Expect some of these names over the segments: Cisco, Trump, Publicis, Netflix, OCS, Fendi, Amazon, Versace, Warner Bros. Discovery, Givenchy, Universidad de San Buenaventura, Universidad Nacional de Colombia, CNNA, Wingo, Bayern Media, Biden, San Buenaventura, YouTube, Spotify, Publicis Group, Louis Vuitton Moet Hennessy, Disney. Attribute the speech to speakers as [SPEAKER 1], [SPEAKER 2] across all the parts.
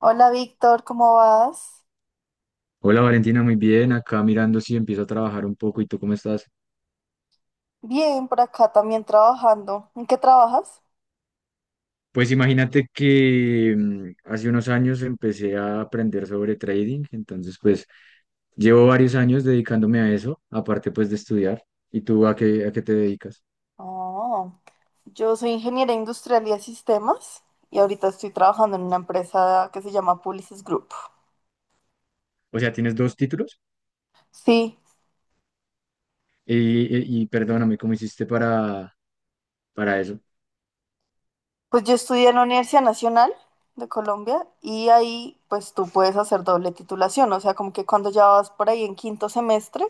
[SPEAKER 1] Hola Víctor, ¿cómo vas?
[SPEAKER 2] Hola Valentina, muy bien. Acá mirando si empiezo a trabajar un poco. ¿Y tú cómo estás?
[SPEAKER 1] Bien, por acá también trabajando. ¿En qué trabajas?
[SPEAKER 2] Pues imagínate que hace unos años empecé a aprender sobre trading, entonces pues llevo varios años dedicándome a eso, aparte pues de estudiar. ¿Y tú a qué te dedicas?
[SPEAKER 1] Oh, yo soy ingeniera industrial y de sistemas y ahorita estoy trabajando en una empresa que se llama Publicis Group.
[SPEAKER 2] O sea, ¿tienes dos títulos?
[SPEAKER 1] Sí,
[SPEAKER 2] Y, y perdóname, ¿cómo hiciste para eso?
[SPEAKER 1] pues yo estudié en la Universidad Nacional de Colombia y ahí pues tú puedes hacer doble titulación, o sea, como que cuando ya vas por ahí en quinto semestre,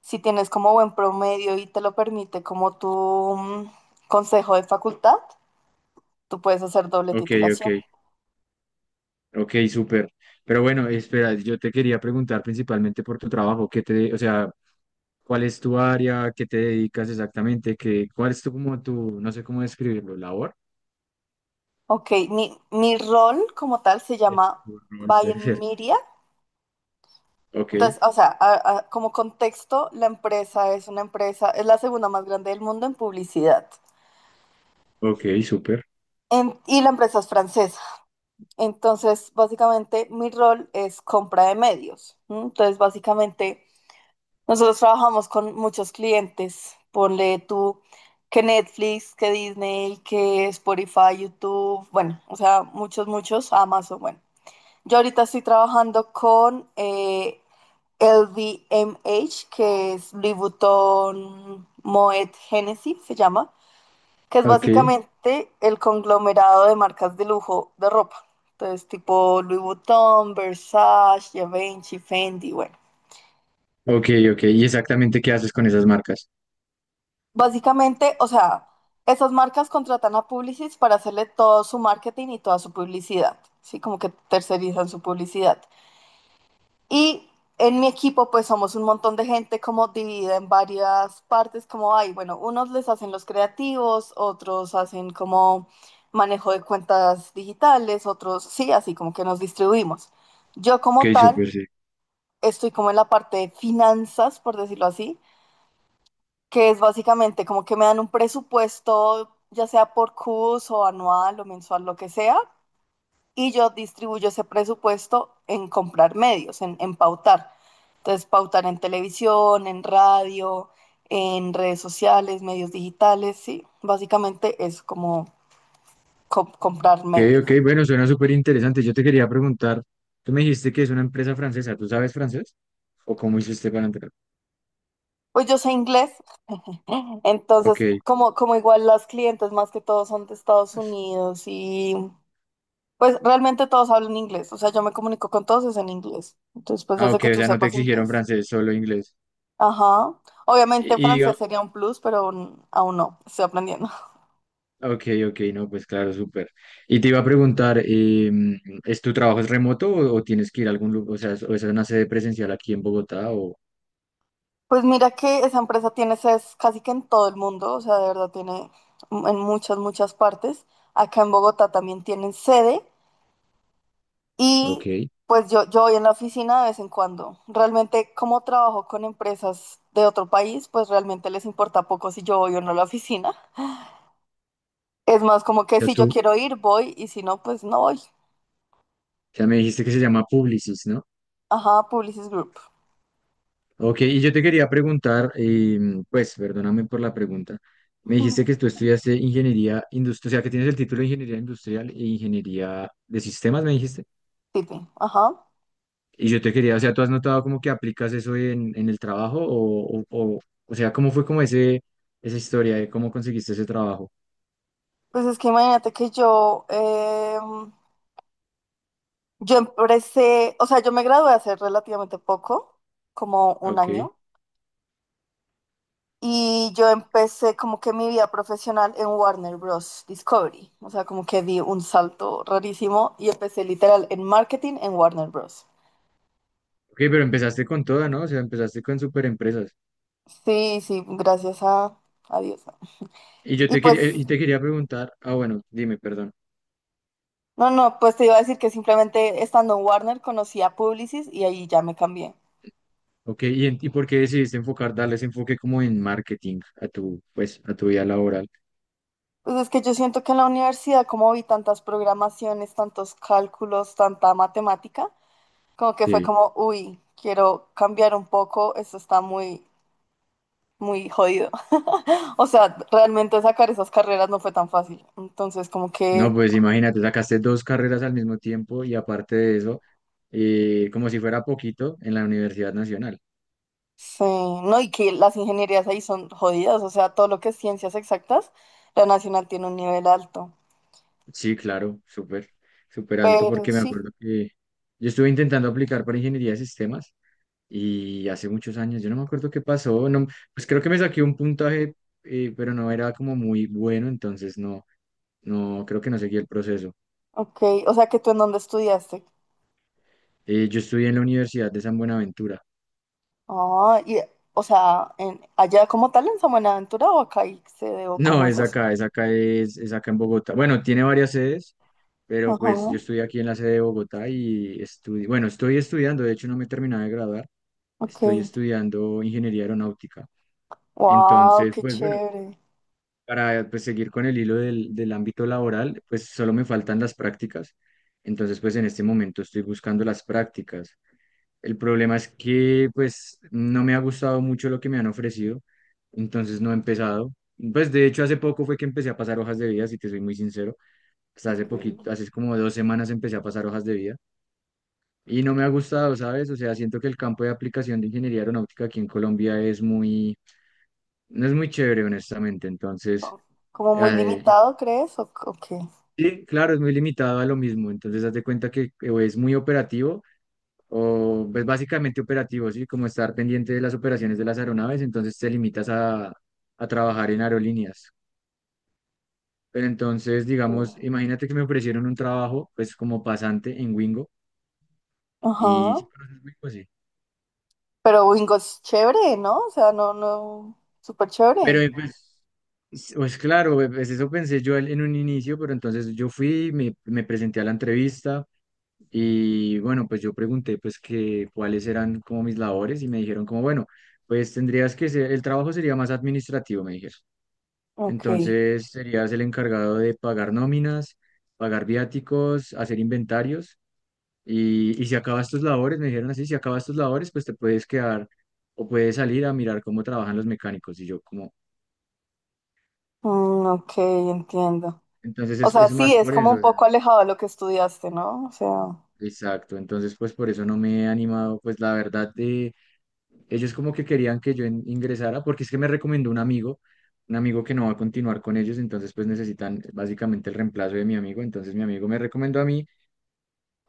[SPEAKER 1] si tienes como buen promedio y te lo permite como tu consejo de facultad, tú puedes hacer doble
[SPEAKER 2] Ok, ok.
[SPEAKER 1] titulación.
[SPEAKER 2] Ok, súper. Pero bueno, espera, yo te quería preguntar principalmente por tu trabajo, ¿qué te, o sea, cuál es tu área, qué te dedicas exactamente, cuál es tu, como tu, no sé cómo describirlo, labor?
[SPEAKER 1] Ok, mi rol como tal se
[SPEAKER 2] Eso.
[SPEAKER 1] llama
[SPEAKER 2] Tu rol, puede
[SPEAKER 1] Bayern
[SPEAKER 2] ser.
[SPEAKER 1] Media.
[SPEAKER 2] Ok,
[SPEAKER 1] Entonces, o sea, como contexto, la empresa es una empresa, es la segunda más grande del mundo en publicidad.
[SPEAKER 2] ok, súper.
[SPEAKER 1] Y la empresa es francesa. Entonces, básicamente, mi rol es compra de medios. ¿M? Entonces, básicamente, nosotros trabajamos con muchos clientes. Ponle tú que Netflix, que Disney, que Spotify, YouTube, bueno, o sea, muchos, Amazon, bueno. Yo ahorita estoy trabajando con LVMH, que es Louis Vuitton Moet Hennessy, se llama, que es
[SPEAKER 2] Ok,
[SPEAKER 1] básicamente el conglomerado de marcas de lujo de ropa. Entonces, tipo Louis Vuitton, Versace, Givenchy, Fendi, bueno.
[SPEAKER 2] ok, ok. ¿Y exactamente qué haces con esas marcas?
[SPEAKER 1] Básicamente, o sea, esas marcas contratan a Publicis para hacerle todo su marketing y toda su publicidad, ¿sí? Como que tercerizan su publicidad. Y en mi equipo, pues somos un montón de gente como dividida en varias partes, como hay, bueno, unos les hacen los creativos, otros hacen como manejo de cuentas digitales, otros sí, así como que nos distribuimos. Yo como
[SPEAKER 2] Ok,
[SPEAKER 1] tal,
[SPEAKER 2] súper, sí.
[SPEAKER 1] estoy como en la parte de finanzas, por decirlo así, que es básicamente como que me dan un presupuesto, ya sea por curso, anual o mensual, lo que sea y yo distribuyo ese presupuesto en comprar medios, en pautar. Entonces, pautar en televisión, en radio, en redes sociales, medios digitales, sí. Básicamente es como comprar
[SPEAKER 2] Ok,
[SPEAKER 1] medios.
[SPEAKER 2] ok, bueno, suena súper interesante. Yo te quería preguntar, tú me dijiste que es una empresa francesa, ¿tú sabes francés? ¿O cómo hiciste para entrar?
[SPEAKER 1] Pues yo sé inglés,
[SPEAKER 2] Ok.
[SPEAKER 1] entonces como igual las clientes más que todo son de Estados Unidos y pues realmente todos hablan inglés, o sea, yo me comunico con todos es en inglés. Entonces, pues
[SPEAKER 2] Ah,
[SPEAKER 1] hace
[SPEAKER 2] ok,
[SPEAKER 1] que
[SPEAKER 2] o
[SPEAKER 1] tú
[SPEAKER 2] sea, no te
[SPEAKER 1] sepas
[SPEAKER 2] exigieron
[SPEAKER 1] inglés.
[SPEAKER 2] francés, solo inglés.
[SPEAKER 1] Ajá. Obviamente
[SPEAKER 2] Y, y
[SPEAKER 1] francés
[SPEAKER 2] diga-
[SPEAKER 1] sería un plus, pero aún no, estoy aprendiendo.
[SPEAKER 2] ok, ok, no, pues claro, súper. Y te iba a preguntar, ¿es tu trabajo es remoto o tienes que ir a algún lugar? O sea, o es una sede presencial aquí en Bogotá o.
[SPEAKER 1] Pues mira que esa empresa tiene sedes casi que en todo el mundo, o sea, de verdad tiene en muchas partes. Acá en Bogotá también tienen sede
[SPEAKER 2] Ok.
[SPEAKER 1] y pues yo voy en la oficina de vez en cuando. Realmente como trabajo con empresas de otro país, pues realmente les importa poco si yo voy o no a la oficina. Es más como que
[SPEAKER 2] Ya
[SPEAKER 1] si yo
[SPEAKER 2] tú,
[SPEAKER 1] quiero ir, voy y si no, pues no voy.
[SPEAKER 2] ya me dijiste que se llama Publicis, ¿no?
[SPEAKER 1] Ajá, Publicis Group.
[SPEAKER 2] Ok, y yo te quería preguntar, pues perdóname por la pregunta. Me dijiste que tú estudiaste ingeniería industrial, o sea, que tienes el título de ingeniería industrial e ingeniería de sistemas, me dijiste.
[SPEAKER 1] Tipi, ajá.
[SPEAKER 2] Y yo te quería, o sea, ¿tú has notado como que aplicas eso en el trabajo? O sea, ¿cómo fue como esa historia de cómo conseguiste ese trabajo?
[SPEAKER 1] Pues es que imagínate que yo... Yo empecé, o sea, yo me gradué hace relativamente poco, como
[SPEAKER 2] Ah,
[SPEAKER 1] un
[SPEAKER 2] ok.
[SPEAKER 1] año, y yo empecé como que mi vida profesional en Warner Bros. Discovery, o sea, como que di un salto rarísimo y empecé literal en marketing en Warner Bros.
[SPEAKER 2] Ok, pero empezaste con toda, ¿no? O sea, empezaste con super empresas.
[SPEAKER 1] Sí, sí, gracias a Dios.
[SPEAKER 2] Y yo
[SPEAKER 1] Y
[SPEAKER 2] te
[SPEAKER 1] pues,
[SPEAKER 2] quería, eh, y te quería preguntar, ah, bueno, dime, perdón.
[SPEAKER 1] no, no, pues te iba a decir que simplemente estando en Warner conocí a Publicis y ahí ya me cambié.
[SPEAKER 2] Ok, ¿y por qué decidiste enfocar, darle ese enfoque como en marketing a tu, pues, a tu vida laboral?
[SPEAKER 1] Pues es que yo siento que en la universidad, como vi tantas programaciones, tantos cálculos, tanta matemática, como que fue
[SPEAKER 2] Sí.
[SPEAKER 1] como, uy, quiero cambiar un poco, esto está muy jodido. O sea, realmente sacar esas carreras no fue tan fácil. Entonces, como
[SPEAKER 2] No,
[SPEAKER 1] que,
[SPEAKER 2] pues imagínate, sacaste dos carreras al mismo tiempo y aparte de eso, como si fuera poquito en la Universidad Nacional.
[SPEAKER 1] sí, no, y que las ingenierías ahí son jodidas, o sea, todo lo que es ciencias exactas, la nacional tiene un nivel alto.
[SPEAKER 2] Sí, claro, súper, súper alto
[SPEAKER 1] Pero
[SPEAKER 2] porque me
[SPEAKER 1] sí,
[SPEAKER 2] acuerdo que yo estuve intentando aplicar para ingeniería de sistemas y hace muchos años, yo no me acuerdo qué pasó, no, pues creo que me saqué un puntaje, pero no era como muy bueno, entonces no, creo que no seguí el proceso.
[SPEAKER 1] ok, o sea, que tú en dónde estudiaste.
[SPEAKER 2] Yo estudié en la Universidad de San Buenaventura.
[SPEAKER 1] Ah, y, o sea, en, allá como tal en San Buenaventura o acá y se o
[SPEAKER 2] No,
[SPEAKER 1] cómo es
[SPEAKER 2] es
[SPEAKER 1] eso.
[SPEAKER 2] acá, es acá, es acá en Bogotá. Bueno, tiene varias sedes, pero pues
[SPEAKER 1] Ajá,
[SPEAKER 2] yo estudié aquí en la sede de Bogotá y estudié, bueno, estoy estudiando, de hecho no me he terminado de graduar,
[SPEAKER 1] ok.
[SPEAKER 2] estoy estudiando ingeniería aeronáutica.
[SPEAKER 1] Wow,
[SPEAKER 2] Entonces,
[SPEAKER 1] qué
[SPEAKER 2] pues bueno,
[SPEAKER 1] chévere.
[SPEAKER 2] para pues, seguir con el hilo del ámbito laboral, pues solo me faltan las prácticas. Entonces, pues en este momento estoy buscando las prácticas. El problema es que pues no me ha gustado mucho lo que me han ofrecido, entonces no he empezado. Pues de hecho hace poco fue que empecé a pasar hojas de vida, si te soy muy sincero. Hasta hace
[SPEAKER 1] Ok.
[SPEAKER 2] poquito, hace como 2 semanas empecé a pasar hojas de vida y no me ha gustado, ¿sabes? O sea, siento que el campo de aplicación de ingeniería aeronáutica aquí en Colombia no es muy chévere, honestamente. Entonces.
[SPEAKER 1] ¿Como muy
[SPEAKER 2] Ah,
[SPEAKER 1] limitado, crees? O qué?
[SPEAKER 2] sí, claro, es muy limitado a lo mismo. Entonces, haz de cuenta que o es muy operativo o es básicamente operativo, ¿sí? Como estar pendiente de las operaciones de las aeronaves, entonces te limitas a trabajar en aerolíneas. Pero entonces,
[SPEAKER 1] ¿Qué?
[SPEAKER 2] digamos, imagínate que me ofrecieron un trabajo, pues como pasante en Wingo y.
[SPEAKER 1] Ajá.
[SPEAKER 2] ¿Sí conoces Wingo? Sí.
[SPEAKER 1] Pero Wingo es chévere, ¿no? O sea, no, no, súper
[SPEAKER 2] Pero
[SPEAKER 1] chévere.
[SPEAKER 2] pues. Pues claro, pues eso pensé yo en un inicio, pero entonces yo fui, me presenté a la entrevista. Y bueno, pues yo pregunté pues que cuáles eran como mis labores y me dijeron como, bueno, pues tendrías que ser, el trabajo sería más administrativo, me dijeron.
[SPEAKER 1] Ok.
[SPEAKER 2] Entonces serías el encargado de pagar nóminas, pagar viáticos, hacer inventarios y si acabas tus labores, me dijeron así, si acabas tus labores, pues te puedes quedar o puedes salir a mirar cómo trabajan los mecánicos. Y yo como,
[SPEAKER 1] Mm, ok, entiendo.
[SPEAKER 2] entonces
[SPEAKER 1] O
[SPEAKER 2] es,
[SPEAKER 1] sea,
[SPEAKER 2] es
[SPEAKER 1] sí,
[SPEAKER 2] más
[SPEAKER 1] es
[SPEAKER 2] por
[SPEAKER 1] como
[SPEAKER 2] eso,
[SPEAKER 1] un
[SPEAKER 2] o
[SPEAKER 1] poco
[SPEAKER 2] sea,
[SPEAKER 1] alejado de lo que estudiaste, ¿no? O sea,
[SPEAKER 2] exacto. Entonces pues por eso no me he animado, pues la verdad de ellos como que querían que yo ingresara porque es que me recomendó un amigo que no va a continuar con ellos, entonces pues necesitan básicamente el reemplazo de mi amigo, entonces mi amigo me recomendó a mí,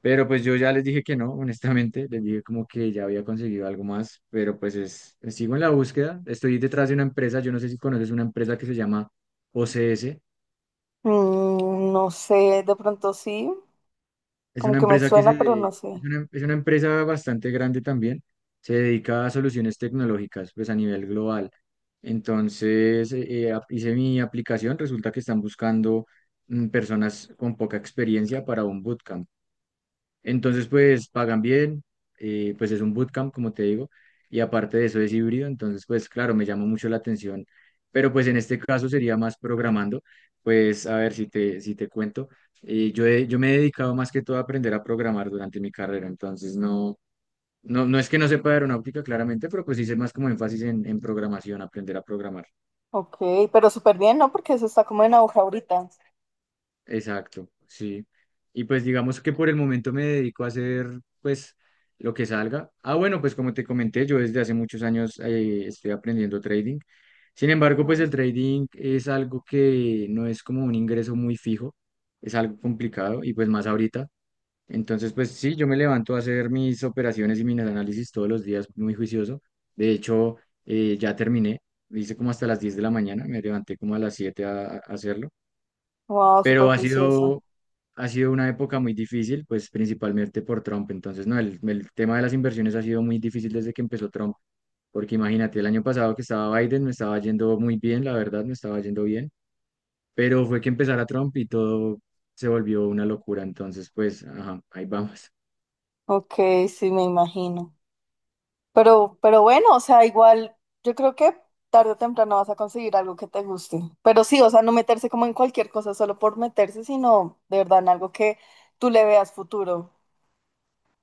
[SPEAKER 2] pero pues yo ya les dije que no, honestamente, les dije como que ya había conseguido algo más, pero pues es, sigo en la búsqueda, estoy detrás de una empresa, yo no sé si conoces una empresa que se llama OCS.
[SPEAKER 1] mm, no sé, de pronto sí,
[SPEAKER 2] Es
[SPEAKER 1] como
[SPEAKER 2] una
[SPEAKER 1] que me
[SPEAKER 2] empresa que se,
[SPEAKER 1] suena, pero
[SPEAKER 2] de-
[SPEAKER 1] no sé.
[SPEAKER 2] es una empresa bastante grande también. Se dedica a soluciones tecnológicas, pues a nivel global. Entonces, hice mi aplicación. Resulta que están buscando personas con poca experiencia para un bootcamp. Entonces, pues pagan bien, pues es un bootcamp, como te digo, y aparte de eso es híbrido, entonces, pues claro, me llama mucho la atención, pero pues en este caso sería más programando, pues a ver si te cuento, yo me he dedicado más que todo a aprender a programar durante mi carrera, entonces no es que no sepa aeronáutica claramente, pero pues hice más como énfasis en programación, aprender a programar.
[SPEAKER 1] Ok, pero súper bien, ¿no? Porque eso está como en aguja ahorita.
[SPEAKER 2] Exacto, sí. Y pues digamos que por el momento me dedico a hacer pues lo que salga. Ah, bueno, pues como te comenté, yo desde hace muchos años estoy aprendiendo trading. Sin embargo, pues el trading es algo que no es como un ingreso muy fijo, es algo complicado y pues más ahorita. Entonces, pues sí, yo me levanto a hacer mis operaciones y mis análisis todos los días muy juicioso. De hecho, ya terminé, hice como hasta las 10 de la mañana, me levanté como a las 7 a hacerlo.
[SPEAKER 1] Wow, súper
[SPEAKER 2] Pero ha
[SPEAKER 1] juicioso.
[SPEAKER 2] sido, ha sido una época muy difícil, pues principalmente por Trump. Entonces, no, el tema de las inversiones ha sido muy difícil desde que empezó Trump, porque imagínate, el año pasado que estaba Biden me estaba yendo muy bien, la verdad, me estaba yendo bien, pero fue que empezara Trump y todo se volvió una locura. Entonces, pues, ajá, ahí vamos.
[SPEAKER 1] Ok, sí, me imagino. Pero bueno, o sea, igual yo creo que tarde o temprano vas a conseguir algo que te guste. Pero sí, o sea, no meterse como en cualquier cosa solo por meterse, sino de verdad en algo que tú le veas futuro.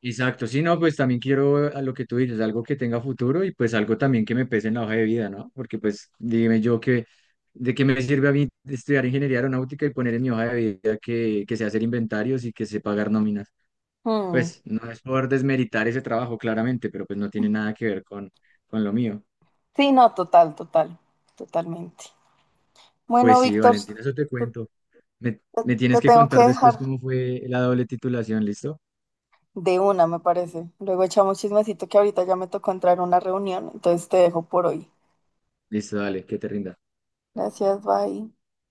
[SPEAKER 2] Exacto, sí, no, pues también quiero a lo que tú dices, algo que tenga futuro y pues algo también que me pese en la hoja de vida, ¿no? Porque pues dime yo que, ¿de qué me sirve a mí estudiar ingeniería aeronáutica y poner en mi hoja de vida que, sé hacer inventarios y que sé pagar nóminas?
[SPEAKER 1] Mm.
[SPEAKER 2] Pues no es por desmeritar ese trabajo, claramente, pero pues no tiene nada que ver con lo mío.
[SPEAKER 1] Sí, no, total, total, totalmente. Bueno,
[SPEAKER 2] Pues sí,
[SPEAKER 1] Víctor,
[SPEAKER 2] Valentina, eso te
[SPEAKER 1] te,
[SPEAKER 2] cuento. Me tienes
[SPEAKER 1] te
[SPEAKER 2] que
[SPEAKER 1] tengo que
[SPEAKER 2] contar después
[SPEAKER 1] dejar
[SPEAKER 2] cómo fue la doble titulación, ¿listo?
[SPEAKER 1] de una, me parece. Luego echamos chismecito que ahorita ya me tocó entrar a una reunión, entonces te dejo por hoy.
[SPEAKER 2] Listo, dale, que te rinda.
[SPEAKER 1] Gracias, bye.